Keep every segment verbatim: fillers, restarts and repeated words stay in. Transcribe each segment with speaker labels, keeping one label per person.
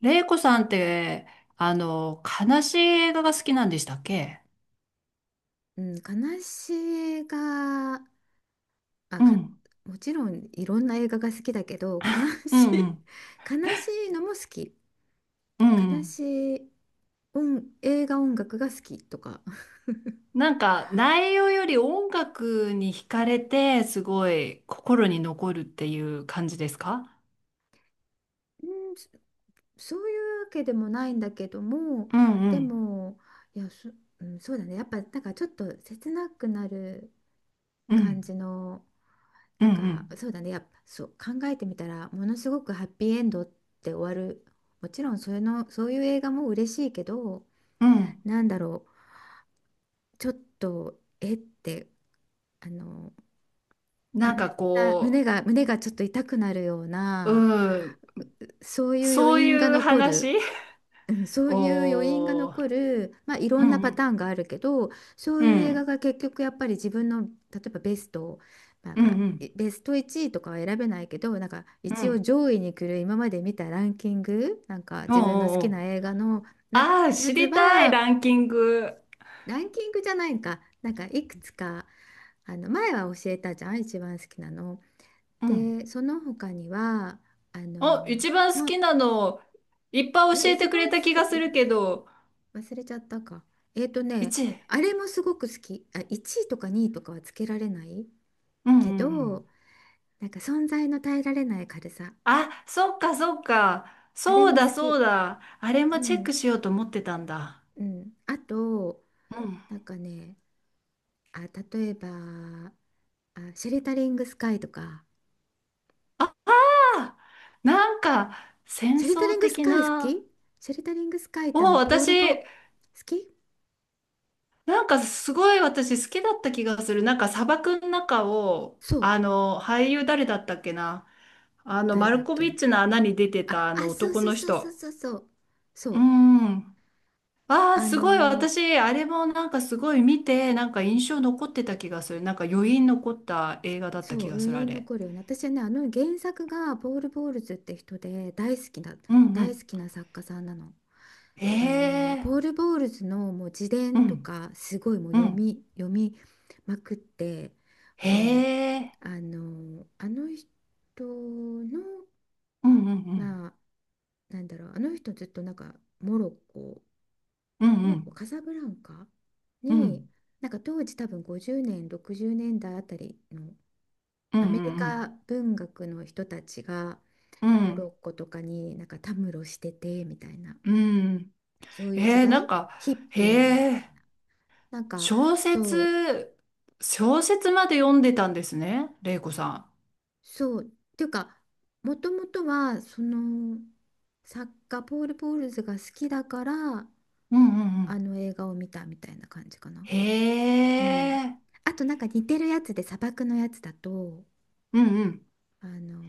Speaker 1: れいこさんって、あの、悲しい映画が好きなんでしたっけ？
Speaker 2: うん、悲しい映画、あ、
Speaker 1: う
Speaker 2: か、
Speaker 1: ん、
Speaker 2: もちろんいろんな映画が好きだけど、悲
Speaker 1: うん、
Speaker 2: し
Speaker 1: う
Speaker 2: い、
Speaker 1: ん、
Speaker 2: 悲しいのも好き。
Speaker 1: うん、う
Speaker 2: 悲
Speaker 1: ん。
Speaker 2: しい音、映画音楽が好きとか。
Speaker 1: なんか内容より音楽に惹かれてすごい心に残るっていう感じですか？
Speaker 2: うん、そそういうわけでもないんだけども、
Speaker 1: うんう
Speaker 2: で
Speaker 1: ん
Speaker 2: も、いや、そ、うん、そうだね。やっぱ、なんかちょっと切なくなる
Speaker 1: う
Speaker 2: 感
Speaker 1: ん
Speaker 2: じの、
Speaker 1: うん
Speaker 2: なん
Speaker 1: う
Speaker 2: か、
Speaker 1: ん
Speaker 2: そうだね。やっぱ、そう、考えてみたら、ものすごくハッピーエンドって終わる。もちろん、それの、そういう映画も嬉しいけど、
Speaker 1: うん。
Speaker 2: なんだろう、ちょっと、えって、あの、悲
Speaker 1: なんか
Speaker 2: しさ、胸
Speaker 1: こ
Speaker 2: が、胸がちょっと痛くなるよう
Speaker 1: う、
Speaker 2: な、
Speaker 1: うん、
Speaker 2: そういう余
Speaker 1: そう
Speaker 2: 韻が
Speaker 1: いう
Speaker 2: 残
Speaker 1: 話。
Speaker 2: る、うん、そ ういう余韻が
Speaker 1: おー、
Speaker 2: 残る、まあ、いろ
Speaker 1: う
Speaker 2: んなパタ
Speaker 1: ん
Speaker 2: ーンがあるけど、そう
Speaker 1: う
Speaker 2: いう映画
Speaker 1: ん
Speaker 2: が結局やっぱり自分の、例えばベスト、なん
Speaker 1: うん
Speaker 2: か、
Speaker 1: う
Speaker 2: え
Speaker 1: ん
Speaker 2: ベストいちいとかは選べないけど、なんか
Speaker 1: うんう
Speaker 2: 一応
Speaker 1: ん。
Speaker 2: 上位に来る今まで見たランキング、なんか
Speaker 1: おーお
Speaker 2: 自分の好
Speaker 1: ー
Speaker 2: きな
Speaker 1: おー。
Speaker 2: 映画の、なんか
Speaker 1: ああー、
Speaker 2: や
Speaker 1: 知
Speaker 2: つ
Speaker 1: りたい
Speaker 2: は、
Speaker 1: ランキング。
Speaker 2: ランキングじゃないか、なんかいくつか、あの前は教えたじゃん、一番好きなの。
Speaker 1: うん。
Speaker 2: で、その他には、あ
Speaker 1: お、
Speaker 2: の、
Speaker 1: 一番好
Speaker 2: あ
Speaker 1: きなの、いっぱ
Speaker 2: あ
Speaker 1: い
Speaker 2: れ、
Speaker 1: 教え
Speaker 2: 一
Speaker 1: てくれ
Speaker 2: 番好
Speaker 1: た気
Speaker 2: き、
Speaker 1: がす
Speaker 2: え
Speaker 1: るけど、
Speaker 2: 忘れちゃったか。えっとね、
Speaker 1: いちい。
Speaker 2: あれもすごく好き。あ、いちいとかにいとかはつけられない
Speaker 1: うんうん
Speaker 2: け
Speaker 1: うん。
Speaker 2: ど、なんか存在の耐えられない軽さ。
Speaker 1: あ、そっかそっか。
Speaker 2: あれ
Speaker 1: そう
Speaker 2: も
Speaker 1: だ
Speaker 2: 好
Speaker 1: そう
Speaker 2: き。
Speaker 1: だ。あれも
Speaker 2: う
Speaker 1: チェック
Speaker 2: ん、
Speaker 1: しようと思ってたんだ。
Speaker 2: うん。あと、
Speaker 1: うん。
Speaker 2: なんかね、あ、例えば、あ、シェルタリングスカイとか。
Speaker 1: あ、なんか、戦
Speaker 2: シェリタ
Speaker 1: 争
Speaker 2: リングス
Speaker 1: 的
Speaker 2: カイ好
Speaker 1: な。
Speaker 2: き。シェリタリングスカイっ
Speaker 1: お、
Speaker 2: てあのポール・ボ好
Speaker 1: 私、
Speaker 2: き
Speaker 1: なんかすごい私好きだった気がする。なんか砂漠の中を、
Speaker 2: そう。
Speaker 1: あの、俳優誰だったっけな。あの、
Speaker 2: 誰
Speaker 1: マ
Speaker 2: だっ
Speaker 1: ルコビッ
Speaker 2: け。
Speaker 1: チの穴に出て
Speaker 2: あ、
Speaker 1: たあ
Speaker 2: あ、
Speaker 1: の
Speaker 2: そう
Speaker 1: 男
Speaker 2: そう
Speaker 1: の
Speaker 2: そうそう
Speaker 1: 人。
Speaker 2: そうそうそ
Speaker 1: う
Speaker 2: う
Speaker 1: ん。ああ、
Speaker 2: あ
Speaker 1: すごい。
Speaker 2: のー
Speaker 1: 私、あれもなんかすごい見て、なんか印象残ってた気がする。なんか余韻残った映画だった
Speaker 2: そ
Speaker 1: 気
Speaker 2: う、
Speaker 1: がす
Speaker 2: 余
Speaker 1: る、あ
Speaker 2: 韻
Speaker 1: れ。
Speaker 2: 残るよね。私はね、あの原作がポール・ボールズって人で、大好きな
Speaker 1: うんう
Speaker 2: 大
Speaker 1: ん。
Speaker 2: 好きな作家さんなの。
Speaker 1: へ
Speaker 2: あのー、
Speaker 1: え。
Speaker 2: ポール・ボールズのもう自
Speaker 1: う
Speaker 2: 伝と
Speaker 1: ん
Speaker 2: かすごいもう
Speaker 1: う
Speaker 2: 読
Speaker 1: ん。
Speaker 2: み読みまくって、
Speaker 1: へ
Speaker 2: もう、
Speaker 1: え。
Speaker 2: あのーあの人の
Speaker 1: うんうんうん。
Speaker 2: まあ、なんだろう、あの人ずっとなんかモロッコ、
Speaker 1: うん
Speaker 2: モロ
Speaker 1: う
Speaker 2: ッコ、
Speaker 1: ん
Speaker 2: カサブランカ
Speaker 1: う
Speaker 2: に、
Speaker 1: ん
Speaker 2: なんか当時多分ごじゅうねん、ろくじゅうねんだいあたりの
Speaker 1: うん
Speaker 2: アメリ
Speaker 1: う
Speaker 2: カ
Speaker 1: ん
Speaker 2: 文学の人たちが
Speaker 1: う
Speaker 2: モ
Speaker 1: ん
Speaker 2: ロッコとかになんかたむろしててみたいな、
Speaker 1: うん。
Speaker 2: そういう時
Speaker 1: えー、な
Speaker 2: 代、
Speaker 1: んか、
Speaker 2: ヒッピーみたい
Speaker 1: へえ。
Speaker 2: な、なんか
Speaker 1: 小
Speaker 2: そう、
Speaker 1: 説、小説まで読んでたんですね、玲子さ
Speaker 2: そう、っていうか、もともとはその作家ポール・ポールズが好きだから、
Speaker 1: ん。うんうんう
Speaker 2: あ
Speaker 1: ん。
Speaker 2: の映画を見たみたいな感じかな。
Speaker 1: へ
Speaker 2: うん。
Speaker 1: え。
Speaker 2: あとなんか似てるやつで砂漠のやつだと、
Speaker 1: うんうん。
Speaker 2: あの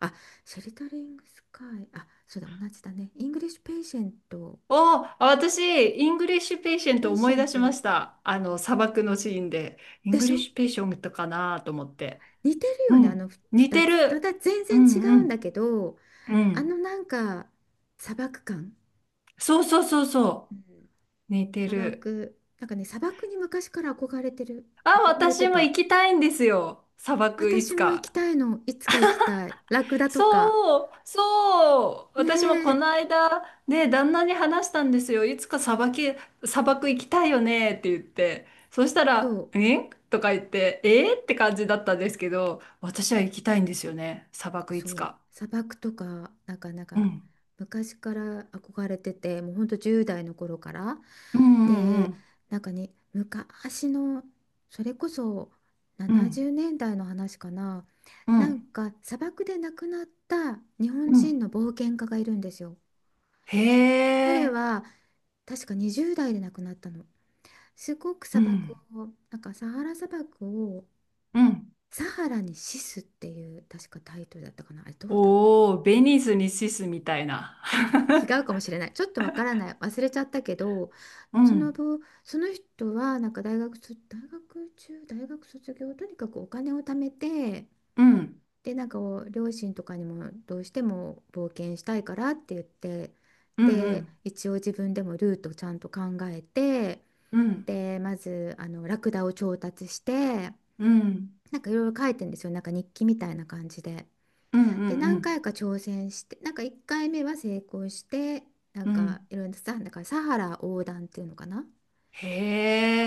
Speaker 2: あ、シェルタリングスカイ、あ、そうだ、同じだね。イングリッシュペイシェント、
Speaker 1: おー、あ私、イングリッシュペイシェン
Speaker 2: ペ
Speaker 1: ト
Speaker 2: イ
Speaker 1: 思
Speaker 2: シ
Speaker 1: い
Speaker 2: ェ
Speaker 1: 出
Speaker 2: ン
Speaker 1: しま
Speaker 2: ト、
Speaker 1: した。あの、砂漠のシーンで。イン
Speaker 2: で
Speaker 1: グ
Speaker 2: し
Speaker 1: リッ
Speaker 2: ょ。
Speaker 1: シュペイシェントかなと思って。
Speaker 2: 似てる
Speaker 1: う
Speaker 2: よね、あの
Speaker 1: ん。
Speaker 2: ふ
Speaker 1: 似
Speaker 2: 二
Speaker 1: て
Speaker 2: つ。ま
Speaker 1: る。
Speaker 2: ただ全
Speaker 1: う
Speaker 2: 然違
Speaker 1: んう
Speaker 2: うんだ
Speaker 1: ん。
Speaker 2: けど、
Speaker 1: う
Speaker 2: あ
Speaker 1: ん。
Speaker 2: のなんか砂漠感。
Speaker 1: そうそうそう
Speaker 2: う
Speaker 1: そ
Speaker 2: ん、
Speaker 1: う。似て
Speaker 2: 砂
Speaker 1: る。
Speaker 2: 漠、なんかね、砂漠に昔から憧れてる、
Speaker 1: あ、
Speaker 2: 憧れて
Speaker 1: 私も
Speaker 2: た。
Speaker 1: 行きたいんですよ。砂漠、いつ
Speaker 2: 私も行き
Speaker 1: か。
Speaker 2: たいの、いつか行きたい。ラクダとか。
Speaker 1: そう、そう、
Speaker 2: ね
Speaker 1: 私もこ
Speaker 2: え、
Speaker 1: の間、ね、旦那に話したんですよ。いつか砂漠砂漠行きたいよねって言って。そした
Speaker 2: そ
Speaker 1: ら、
Speaker 2: う。
Speaker 1: えとか言って、えって感じだったんですけど、私は行きたいんですよね。砂漠い
Speaker 2: そ
Speaker 1: つ
Speaker 2: う、
Speaker 1: か。
Speaker 2: 砂漠とか、なんかなん
Speaker 1: う
Speaker 2: か
Speaker 1: ん。
Speaker 2: 昔から憧れてて、もうほんとじゅう代の頃から。
Speaker 1: うんう
Speaker 2: で、
Speaker 1: ん
Speaker 2: なんかね、昔のそれこそ
Speaker 1: う
Speaker 2: 70
Speaker 1: ん。
Speaker 2: 年代の話かな、
Speaker 1: う
Speaker 2: なん
Speaker 1: ん。
Speaker 2: か砂漠で亡くなった日本
Speaker 1: う
Speaker 2: 人
Speaker 1: ん。
Speaker 2: の冒険家がいるんですよ。
Speaker 1: へ
Speaker 2: 彼
Speaker 1: え。
Speaker 2: は確かにじゅう代で亡くなったの。すごく
Speaker 1: う
Speaker 2: 砂漠
Speaker 1: ん。
Speaker 2: を、なんかサハラ砂漠を
Speaker 1: うん。
Speaker 2: 「サハラに死す」っていう確かタイトルだったかな、あれどうだったか。
Speaker 1: おお、ベニスにシスみたいな。
Speaker 2: 違 うかもしれない。ちょっとわからない。忘れちゃったけど、
Speaker 1: う
Speaker 2: その
Speaker 1: ん。
Speaker 2: 後、その人はなんか大学卒、大学中、大学卒業、とにかくお金を貯めて、
Speaker 1: うん。
Speaker 2: で、なんかお両親とかにもどうしても冒険したいからって言って、
Speaker 1: うんう
Speaker 2: で、
Speaker 1: ん。
Speaker 2: 一応自分でもルートをちゃんと考えて、
Speaker 1: うん。
Speaker 2: で、まずあのラクダを調達して、
Speaker 1: うん。
Speaker 2: なんかいろいろ書いてんですよ。なんか日記みたいな感じで。
Speaker 1: うん。うんう
Speaker 2: で、
Speaker 1: んう
Speaker 2: 何
Speaker 1: ん。
Speaker 2: 回か挑戦して、なんかいっかいめは成功して、なん
Speaker 1: う
Speaker 2: か
Speaker 1: ん。
Speaker 2: いろいろさ、だからサハラ横断っていうのかな。
Speaker 1: へ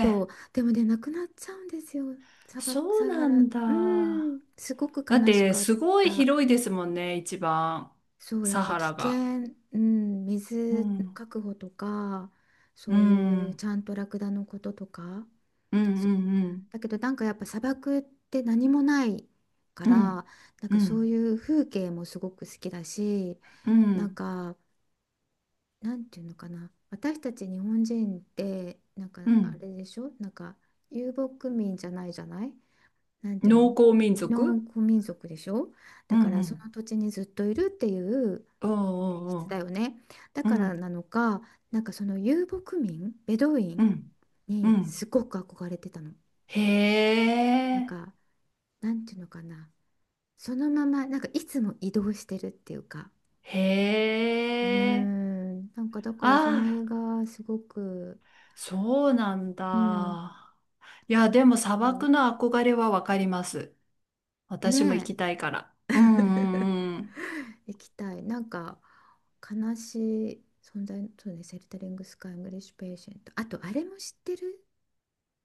Speaker 2: そう、でもね、なくなっちゃうんですよ。砂漠
Speaker 1: そう
Speaker 2: サハ
Speaker 1: な
Speaker 2: ラう
Speaker 1: ん
Speaker 2: ー
Speaker 1: だ。
Speaker 2: んすごく
Speaker 1: だっ
Speaker 2: 悲し
Speaker 1: て、
Speaker 2: かっ
Speaker 1: すごい
Speaker 2: た。
Speaker 1: 広いですもんね、一番。
Speaker 2: そうやっ
Speaker 1: サ
Speaker 2: ぱ
Speaker 1: ハ
Speaker 2: 危
Speaker 1: ラが。
Speaker 2: 険、うん、
Speaker 1: う
Speaker 2: 水の
Speaker 1: ん。
Speaker 2: 確保とか、
Speaker 1: う
Speaker 2: そういう、
Speaker 1: ん。
Speaker 2: ちゃんとラクダのこととか。
Speaker 1: うんう
Speaker 2: そう
Speaker 1: んうん。
Speaker 2: だけど、なんかやっぱ砂漠って何もないか
Speaker 1: う
Speaker 2: ら、
Speaker 1: ん。
Speaker 2: なん
Speaker 1: う
Speaker 2: かそう
Speaker 1: ん。
Speaker 2: いう風景もすごく好きだし、
Speaker 1: う
Speaker 2: なん
Speaker 1: ん。
Speaker 2: か、なんていうのかな、私たち日本人ってなんか
Speaker 1: う
Speaker 2: あ
Speaker 1: ん。
Speaker 2: れでしょ、なんか遊牧民じゃないじゃない、なんていう
Speaker 1: 農
Speaker 2: の、
Speaker 1: 耕民
Speaker 2: 農
Speaker 1: 族。
Speaker 2: 耕民族でしょ。
Speaker 1: う
Speaker 2: だからそ
Speaker 1: ん
Speaker 2: の土地にずっといるっていう
Speaker 1: うん。
Speaker 2: 性
Speaker 1: お。
Speaker 2: 質だよね。だ
Speaker 1: うん。う
Speaker 2: か
Speaker 1: ん。うう
Speaker 2: ら
Speaker 1: ん。
Speaker 2: なのか、なんかその遊牧民ベドウィ
Speaker 1: う
Speaker 2: ン
Speaker 1: ん。う
Speaker 2: に
Speaker 1: ん。
Speaker 2: すごく憧れてたの。
Speaker 1: へ
Speaker 2: なん
Speaker 1: え。
Speaker 2: か、なんていうのかな、そのままなんかいつも移動してるっていうか、
Speaker 1: へ
Speaker 2: うー
Speaker 1: え。
Speaker 2: ん、なんかだか
Speaker 1: あ
Speaker 2: らその映
Speaker 1: あ、
Speaker 2: 画すごく。
Speaker 1: そうなん
Speaker 2: うん、
Speaker 1: だ。いや、でも砂
Speaker 2: そ
Speaker 1: 漠
Speaker 2: う。
Speaker 1: の憧れはわかります。私も行
Speaker 2: ね
Speaker 1: きたいから。
Speaker 2: え。
Speaker 1: うんうんうん。
Speaker 2: 行きたい。なんか悲しい存在、そうね。セルタリングスカイ、イングリッシュペーシェント、あとあれも知ってる、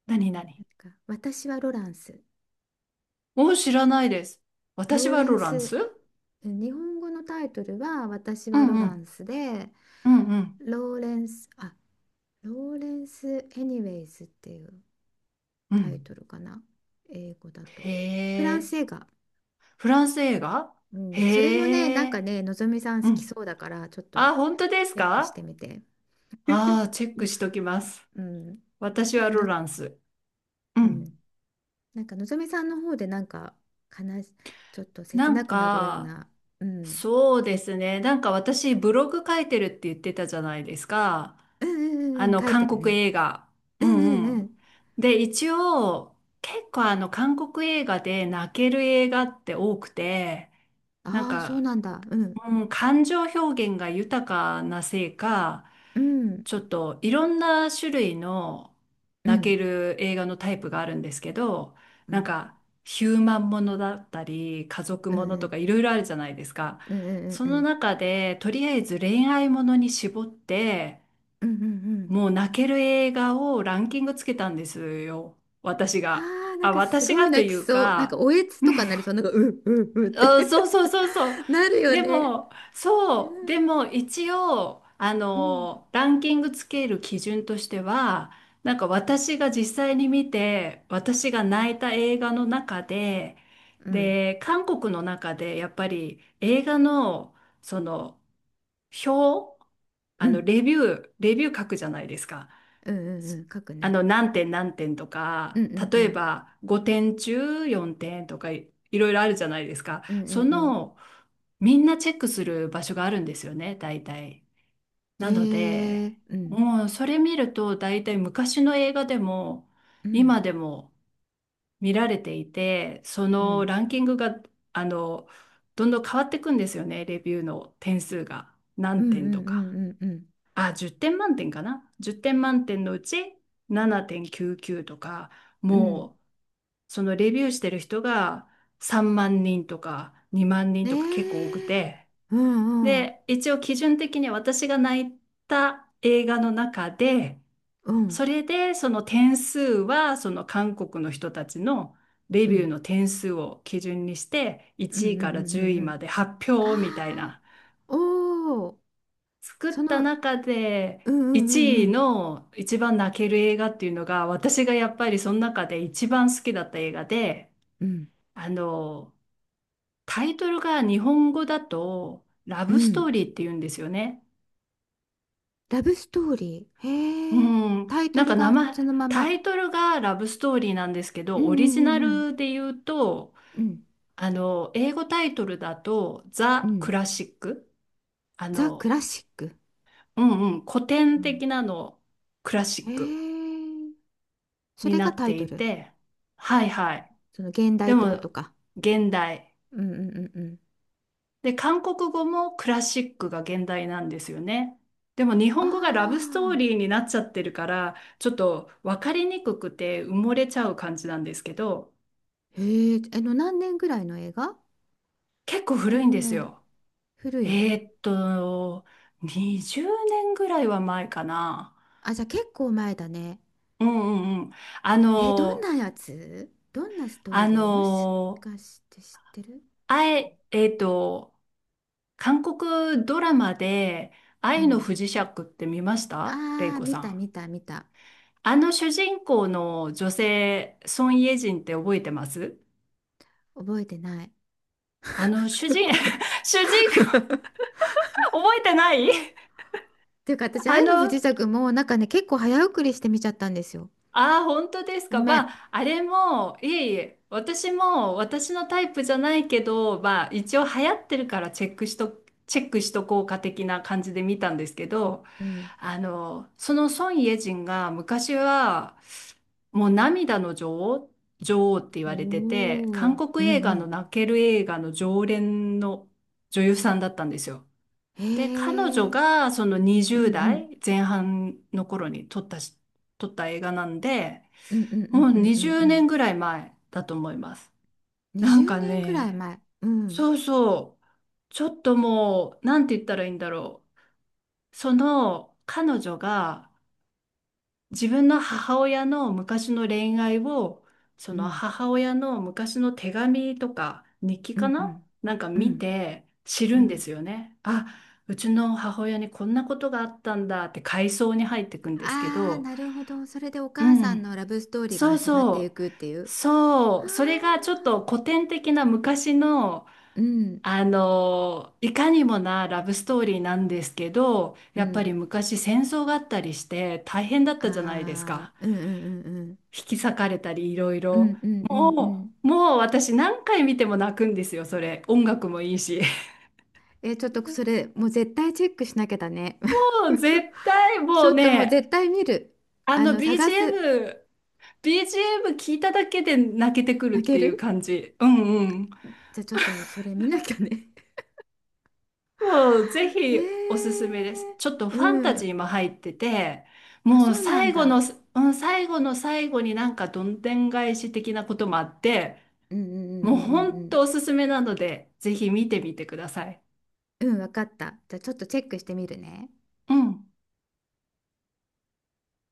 Speaker 1: 何？何？
Speaker 2: なんか私はロランス。
Speaker 1: もう知らないです。私
Speaker 2: ロー
Speaker 1: は
Speaker 2: レ
Speaker 1: ロ
Speaker 2: ン
Speaker 1: ラン
Speaker 2: ス
Speaker 1: ス。
Speaker 2: 日本語のタイトルは私
Speaker 1: う
Speaker 2: はロ
Speaker 1: んう
Speaker 2: ラン
Speaker 1: ん。
Speaker 2: スで、
Speaker 1: うんうん。
Speaker 2: ローレンスあローレンス・エニウェイズっていう
Speaker 1: う
Speaker 2: タイ
Speaker 1: ん。
Speaker 2: トルかな、英語だと。
Speaker 1: へ
Speaker 2: フランス
Speaker 1: え。
Speaker 2: 映画。
Speaker 1: フランス映画。
Speaker 2: うん、それもね、
Speaker 1: へ
Speaker 2: なんか
Speaker 1: え。
Speaker 2: ね、のぞみさん
Speaker 1: う
Speaker 2: 好き
Speaker 1: ん。
Speaker 2: そうだからちょっと
Speaker 1: あ、本当です
Speaker 2: チェックし
Speaker 1: か？
Speaker 2: てみて。
Speaker 1: ああー、チェックしときます。
Speaker 2: うん。
Speaker 1: 私
Speaker 2: なん
Speaker 1: は
Speaker 2: か
Speaker 1: ロ
Speaker 2: の、
Speaker 1: ランス。う
Speaker 2: う
Speaker 1: ん。
Speaker 2: ん。なんかのぞみさんの方でなんか悲し、ちょっと
Speaker 1: な
Speaker 2: 切な
Speaker 1: ん
Speaker 2: くなるよう
Speaker 1: か、
Speaker 2: な、うん。
Speaker 1: そうですね。なんか私ブログ書いてるって言ってたじゃないですか。
Speaker 2: うん、うん、
Speaker 1: あ
Speaker 2: うん、うん、
Speaker 1: の、
Speaker 2: 書いて
Speaker 1: 韓
Speaker 2: る
Speaker 1: 国
Speaker 2: ね。
Speaker 1: 映画。
Speaker 2: う
Speaker 1: う
Speaker 2: ん、う
Speaker 1: ん
Speaker 2: ん、
Speaker 1: う
Speaker 2: う
Speaker 1: ん。
Speaker 2: ん。
Speaker 1: で、一応、結構あの、韓国映画で泣ける映画って多くて、なん
Speaker 2: ああ、そう
Speaker 1: か、
Speaker 2: なんだ。うん。
Speaker 1: うん、感情表現が豊かなせいか、
Speaker 2: うん。
Speaker 1: ちょっといろんな種類の
Speaker 2: う
Speaker 1: 泣け
Speaker 2: ん。
Speaker 1: る映画のタイプがあるんですけど、
Speaker 2: う
Speaker 1: なん
Speaker 2: ん。
Speaker 1: か、ヒューマンものだったり、家族
Speaker 2: うん、
Speaker 1: もの
Speaker 2: う
Speaker 1: と
Speaker 2: ん、
Speaker 1: かいろいろあるじゃないですか。
Speaker 2: うん、うん、
Speaker 1: そ
Speaker 2: う
Speaker 1: の
Speaker 2: ん。
Speaker 1: 中で、とりあえず恋愛ものに絞って、
Speaker 2: うん、うん、うん。
Speaker 1: もう泣ける映画をランキングつけたんですよ。私が。
Speaker 2: ああ、なん
Speaker 1: あ、
Speaker 2: かす
Speaker 1: 私
Speaker 2: ごい
Speaker 1: がと
Speaker 2: 泣
Speaker 1: い
Speaker 2: き
Speaker 1: う
Speaker 2: そう。なんか
Speaker 1: か、
Speaker 2: おえつとかなりそう。なんか、うううっ
Speaker 1: うん、
Speaker 2: て
Speaker 1: そうそうそうそう。
Speaker 2: なるよ
Speaker 1: で
Speaker 2: ね。
Speaker 1: も、
Speaker 2: う
Speaker 1: そう、
Speaker 2: ん。
Speaker 1: でも一応、あ
Speaker 2: うん。
Speaker 1: の、ランキングつける基準としては、なんか私が実際に見て、私が泣いた映画の中で、
Speaker 2: うん。
Speaker 1: で、韓国の中でやっぱり映画の、その、表、
Speaker 2: う
Speaker 1: あの、
Speaker 2: ん、
Speaker 1: レビュー、レビュー書くじゃないですか。
Speaker 2: うん、う
Speaker 1: す
Speaker 2: ん。書く
Speaker 1: あ
Speaker 2: ね。
Speaker 1: の、何点何点と
Speaker 2: う
Speaker 1: か、
Speaker 2: ん、うん、う
Speaker 1: 例え
Speaker 2: ん。
Speaker 1: ばごてん中よんてんとかい、いろいろあるじゃないですか。
Speaker 2: うん、う
Speaker 1: そ
Speaker 2: ん、うん。
Speaker 1: の、みんなチェックする場所があるんですよね、大体。
Speaker 2: へ
Speaker 1: なので、
Speaker 2: えうん、
Speaker 1: もうそれ見ると大体昔の映画でも、
Speaker 2: うん、
Speaker 1: 今でも見られていて、そ
Speaker 2: う
Speaker 1: の
Speaker 2: ん、
Speaker 1: ランキングが、あの、どんどん変わっていくんですよね、レビューの点数が。
Speaker 2: うん、
Speaker 1: 何
Speaker 2: うん、
Speaker 1: 点
Speaker 2: う
Speaker 1: とか。
Speaker 2: ん、うん、うん、
Speaker 1: あ、じゅってん満点かな。じゅってん満点のうちななてんきゅうきゅうとか、
Speaker 2: うん、
Speaker 1: もうそのレビューしてる人がさんまん人とかにまん人
Speaker 2: ね
Speaker 1: とか結構多く
Speaker 2: え、
Speaker 1: て、
Speaker 2: うん、うん、
Speaker 1: で、一応基準的に私が泣いた映画の中で、
Speaker 2: うん、
Speaker 1: それでその点数はその韓国の人たちのレ
Speaker 2: う
Speaker 1: ビュー
Speaker 2: ん、
Speaker 1: の点数を基準にして、
Speaker 2: うん、う
Speaker 1: 1
Speaker 2: ん、
Speaker 1: 位から10
Speaker 2: うん、
Speaker 1: 位
Speaker 2: う
Speaker 1: ま
Speaker 2: ん、
Speaker 1: で発
Speaker 2: あ
Speaker 1: 表みたい
Speaker 2: あ、
Speaker 1: な。
Speaker 2: おお、
Speaker 1: 作っ
Speaker 2: そ
Speaker 1: た
Speaker 2: の、うん、
Speaker 1: 中で
Speaker 2: うん、う
Speaker 1: いちい
Speaker 2: ん、
Speaker 1: の一番泣ける映画っていうのが私がやっぱりその中で一番好きだった映画で
Speaker 2: うん、
Speaker 1: あのタイトルが日本語だとラ
Speaker 2: う
Speaker 1: ブ
Speaker 2: ん、
Speaker 1: ス
Speaker 2: う
Speaker 1: ト
Speaker 2: ん、
Speaker 1: ーリーっていうんですよね。
Speaker 2: ラブストーリー、
Speaker 1: う
Speaker 2: へえ、
Speaker 1: ん、
Speaker 2: タイト
Speaker 1: なん
Speaker 2: ル
Speaker 1: か名
Speaker 2: が
Speaker 1: 前
Speaker 2: そのま
Speaker 1: タ
Speaker 2: ま、
Speaker 1: イトルがラブストーリーなんですけ
Speaker 2: う
Speaker 1: ど、
Speaker 2: ん、う
Speaker 1: オリジナ
Speaker 2: ん、うん、
Speaker 1: ルで言うと
Speaker 2: うん、
Speaker 1: あの英語タイトルだと
Speaker 2: うん、う
Speaker 1: ザ・ク
Speaker 2: ん
Speaker 1: ラシック。あ
Speaker 2: ザ・ク
Speaker 1: の
Speaker 2: ラシック、
Speaker 1: うんうん、古
Speaker 2: う
Speaker 1: 典
Speaker 2: ん、
Speaker 1: 的なのクラシ
Speaker 2: へ
Speaker 1: ック。
Speaker 2: え、そ
Speaker 1: に
Speaker 2: れ
Speaker 1: な
Speaker 2: が
Speaker 1: っ
Speaker 2: タイ
Speaker 1: て
Speaker 2: ト
Speaker 1: い
Speaker 2: ル、
Speaker 1: て、はい
Speaker 2: その
Speaker 1: はい。
Speaker 2: その現代
Speaker 1: で
Speaker 2: ってこと
Speaker 1: も、
Speaker 2: か、
Speaker 1: 現代。
Speaker 2: うん、うん、うん、うん。
Speaker 1: で、韓国語もクラシックが現代なんですよね。でも日
Speaker 2: あ
Speaker 1: 本語がラブストー
Speaker 2: あ、
Speaker 1: リーになっちゃってるから、ちょっと分かりにくくて埋もれちゃう感じなんですけど、
Speaker 2: へえ、あの、何年ぐらいの映画。
Speaker 1: 結構古いん
Speaker 2: 何
Speaker 1: です
Speaker 2: 年、
Speaker 1: よ。
Speaker 2: 古い。
Speaker 1: えーっと、にじゅうねんぐらいは前かな。
Speaker 2: あ、じゃあ結構前だね。
Speaker 1: うんうんうん。あ
Speaker 2: えー、どん
Speaker 1: の、
Speaker 2: なやつ、どんなストー
Speaker 1: あ
Speaker 2: リー、もし
Speaker 1: の、
Speaker 2: かして知ってる、
Speaker 1: あ
Speaker 2: 知らな
Speaker 1: え、
Speaker 2: い
Speaker 1: え
Speaker 2: か。
Speaker 1: ーっと、韓国ドラマで
Speaker 2: う
Speaker 1: 愛の
Speaker 2: ん。
Speaker 1: 不時着って見ましたレイ
Speaker 2: ああ、
Speaker 1: コ
Speaker 2: 見
Speaker 1: さ
Speaker 2: た
Speaker 1: ん？
Speaker 2: 見た見た。
Speaker 1: あの主人公の女性、ソン・イェジンって覚えてます？
Speaker 2: 覚えてない。
Speaker 1: あの主 人、
Speaker 2: ごめん。っ
Speaker 1: 主人公、覚えてない？
Speaker 2: ていうか私、
Speaker 1: あ
Speaker 2: 愛の不
Speaker 1: の、
Speaker 2: 時着もなんかね、結構早送りして見ちゃったんですよ。
Speaker 1: ああ、本当です
Speaker 2: ご
Speaker 1: か。
Speaker 2: め
Speaker 1: ま
Speaker 2: ん。
Speaker 1: あ、あれも、いえいえ、私も私のタイプじゃないけど、まあ、一応流行ってるからチェックしと、チェックしとこうか的な感じで見たんですけど、
Speaker 2: うん。
Speaker 1: あの、その孫イェジンが昔はもう涙の女王、女王って言われて
Speaker 2: お
Speaker 1: て、韓
Speaker 2: お、う
Speaker 1: 国映
Speaker 2: ん、う
Speaker 1: 画の
Speaker 2: ん。
Speaker 1: 泣ける映画の常連の女優さんだったんですよ。
Speaker 2: へ
Speaker 1: で、彼
Speaker 2: え、う
Speaker 1: 女
Speaker 2: ん、
Speaker 1: がその
Speaker 2: う
Speaker 1: にじゅう
Speaker 2: ん。
Speaker 1: 代前半の頃に撮ったし、撮った映画なんで、
Speaker 2: うん、うん、う
Speaker 1: も
Speaker 2: ん、
Speaker 1: う
Speaker 2: うん、うん、
Speaker 1: 20
Speaker 2: うん。
Speaker 1: 年ぐらい前だと思います。なん
Speaker 2: 20
Speaker 1: か
Speaker 2: 年ぐらい
Speaker 1: ね、
Speaker 2: 前。うん。
Speaker 1: そうそう、ちょっともう、なんて言ったらいいんだろう。その彼女が、自分の母親の昔の恋愛を、そ
Speaker 2: う
Speaker 1: の
Speaker 2: ん。
Speaker 1: 母親の昔の手紙とか日記
Speaker 2: う
Speaker 1: か
Speaker 2: ん、う
Speaker 1: な
Speaker 2: ん。
Speaker 1: なんか
Speaker 2: う
Speaker 1: 見
Speaker 2: ん。
Speaker 1: て知
Speaker 2: う
Speaker 1: るんです
Speaker 2: ん。
Speaker 1: よね。あ、うちの母親にこんなことがあったんだって回想に入ってくんですけ
Speaker 2: ああ、
Speaker 1: ど、
Speaker 2: なるほど。それでお
Speaker 1: う
Speaker 2: 母さん
Speaker 1: ん、
Speaker 2: のラブストーリーが
Speaker 1: そう
Speaker 2: 始まってい
Speaker 1: そう、
Speaker 2: くっていう。あ
Speaker 1: そう、それがちょっ
Speaker 2: あ。
Speaker 1: と古典的な昔の、
Speaker 2: うん。
Speaker 1: あの、いかにもなラブストーリーなんですけど、
Speaker 2: う
Speaker 1: やっぱり
Speaker 2: ん。
Speaker 1: 昔戦争があったりして大変だったじゃないです
Speaker 2: ああ。
Speaker 1: か。
Speaker 2: うん、うん、うん、うん。
Speaker 1: 引き裂かれたりいろい
Speaker 2: う
Speaker 1: ろ、
Speaker 2: ん、うん、う
Speaker 1: も
Speaker 2: ん、うん。
Speaker 1: うもう私何回見ても泣くんですよ。それ、音楽もいいし、
Speaker 2: え、ちょっとそれ、もう絶対チェックしなきゃだね。
Speaker 1: もう 絶対、
Speaker 2: ち
Speaker 1: も
Speaker 2: ょ
Speaker 1: う
Speaker 2: っともう
Speaker 1: ね、
Speaker 2: 絶対見る。
Speaker 1: あ
Speaker 2: あ
Speaker 1: の
Speaker 2: の、探す。
Speaker 1: ビージーエム ビージーエム 聞いただけで泣けてくるって
Speaker 2: 泣け
Speaker 1: いう
Speaker 2: る。
Speaker 1: 感じ。うんうん。
Speaker 2: じゃあちょっとそれ見なきゃね。
Speaker 1: もうぜ ひおす
Speaker 2: え。
Speaker 1: すめです。ちょっと
Speaker 2: え。う
Speaker 1: ファンタジ
Speaker 2: ん。
Speaker 1: ーも入ってて、
Speaker 2: あ、
Speaker 1: もう
Speaker 2: そうなん
Speaker 1: 最後
Speaker 2: だ。
Speaker 1: の、うん、最後の最後になんかどんでん返し的なこともあって、
Speaker 2: うん、うん、うん、
Speaker 1: もう
Speaker 2: う
Speaker 1: ほ
Speaker 2: ん、う
Speaker 1: ん
Speaker 2: ん、
Speaker 1: とおすすめなのでぜひ見てみてください。
Speaker 2: うん、うん、わかった、じゃあちょっとチェックしてみるね
Speaker 1: うん。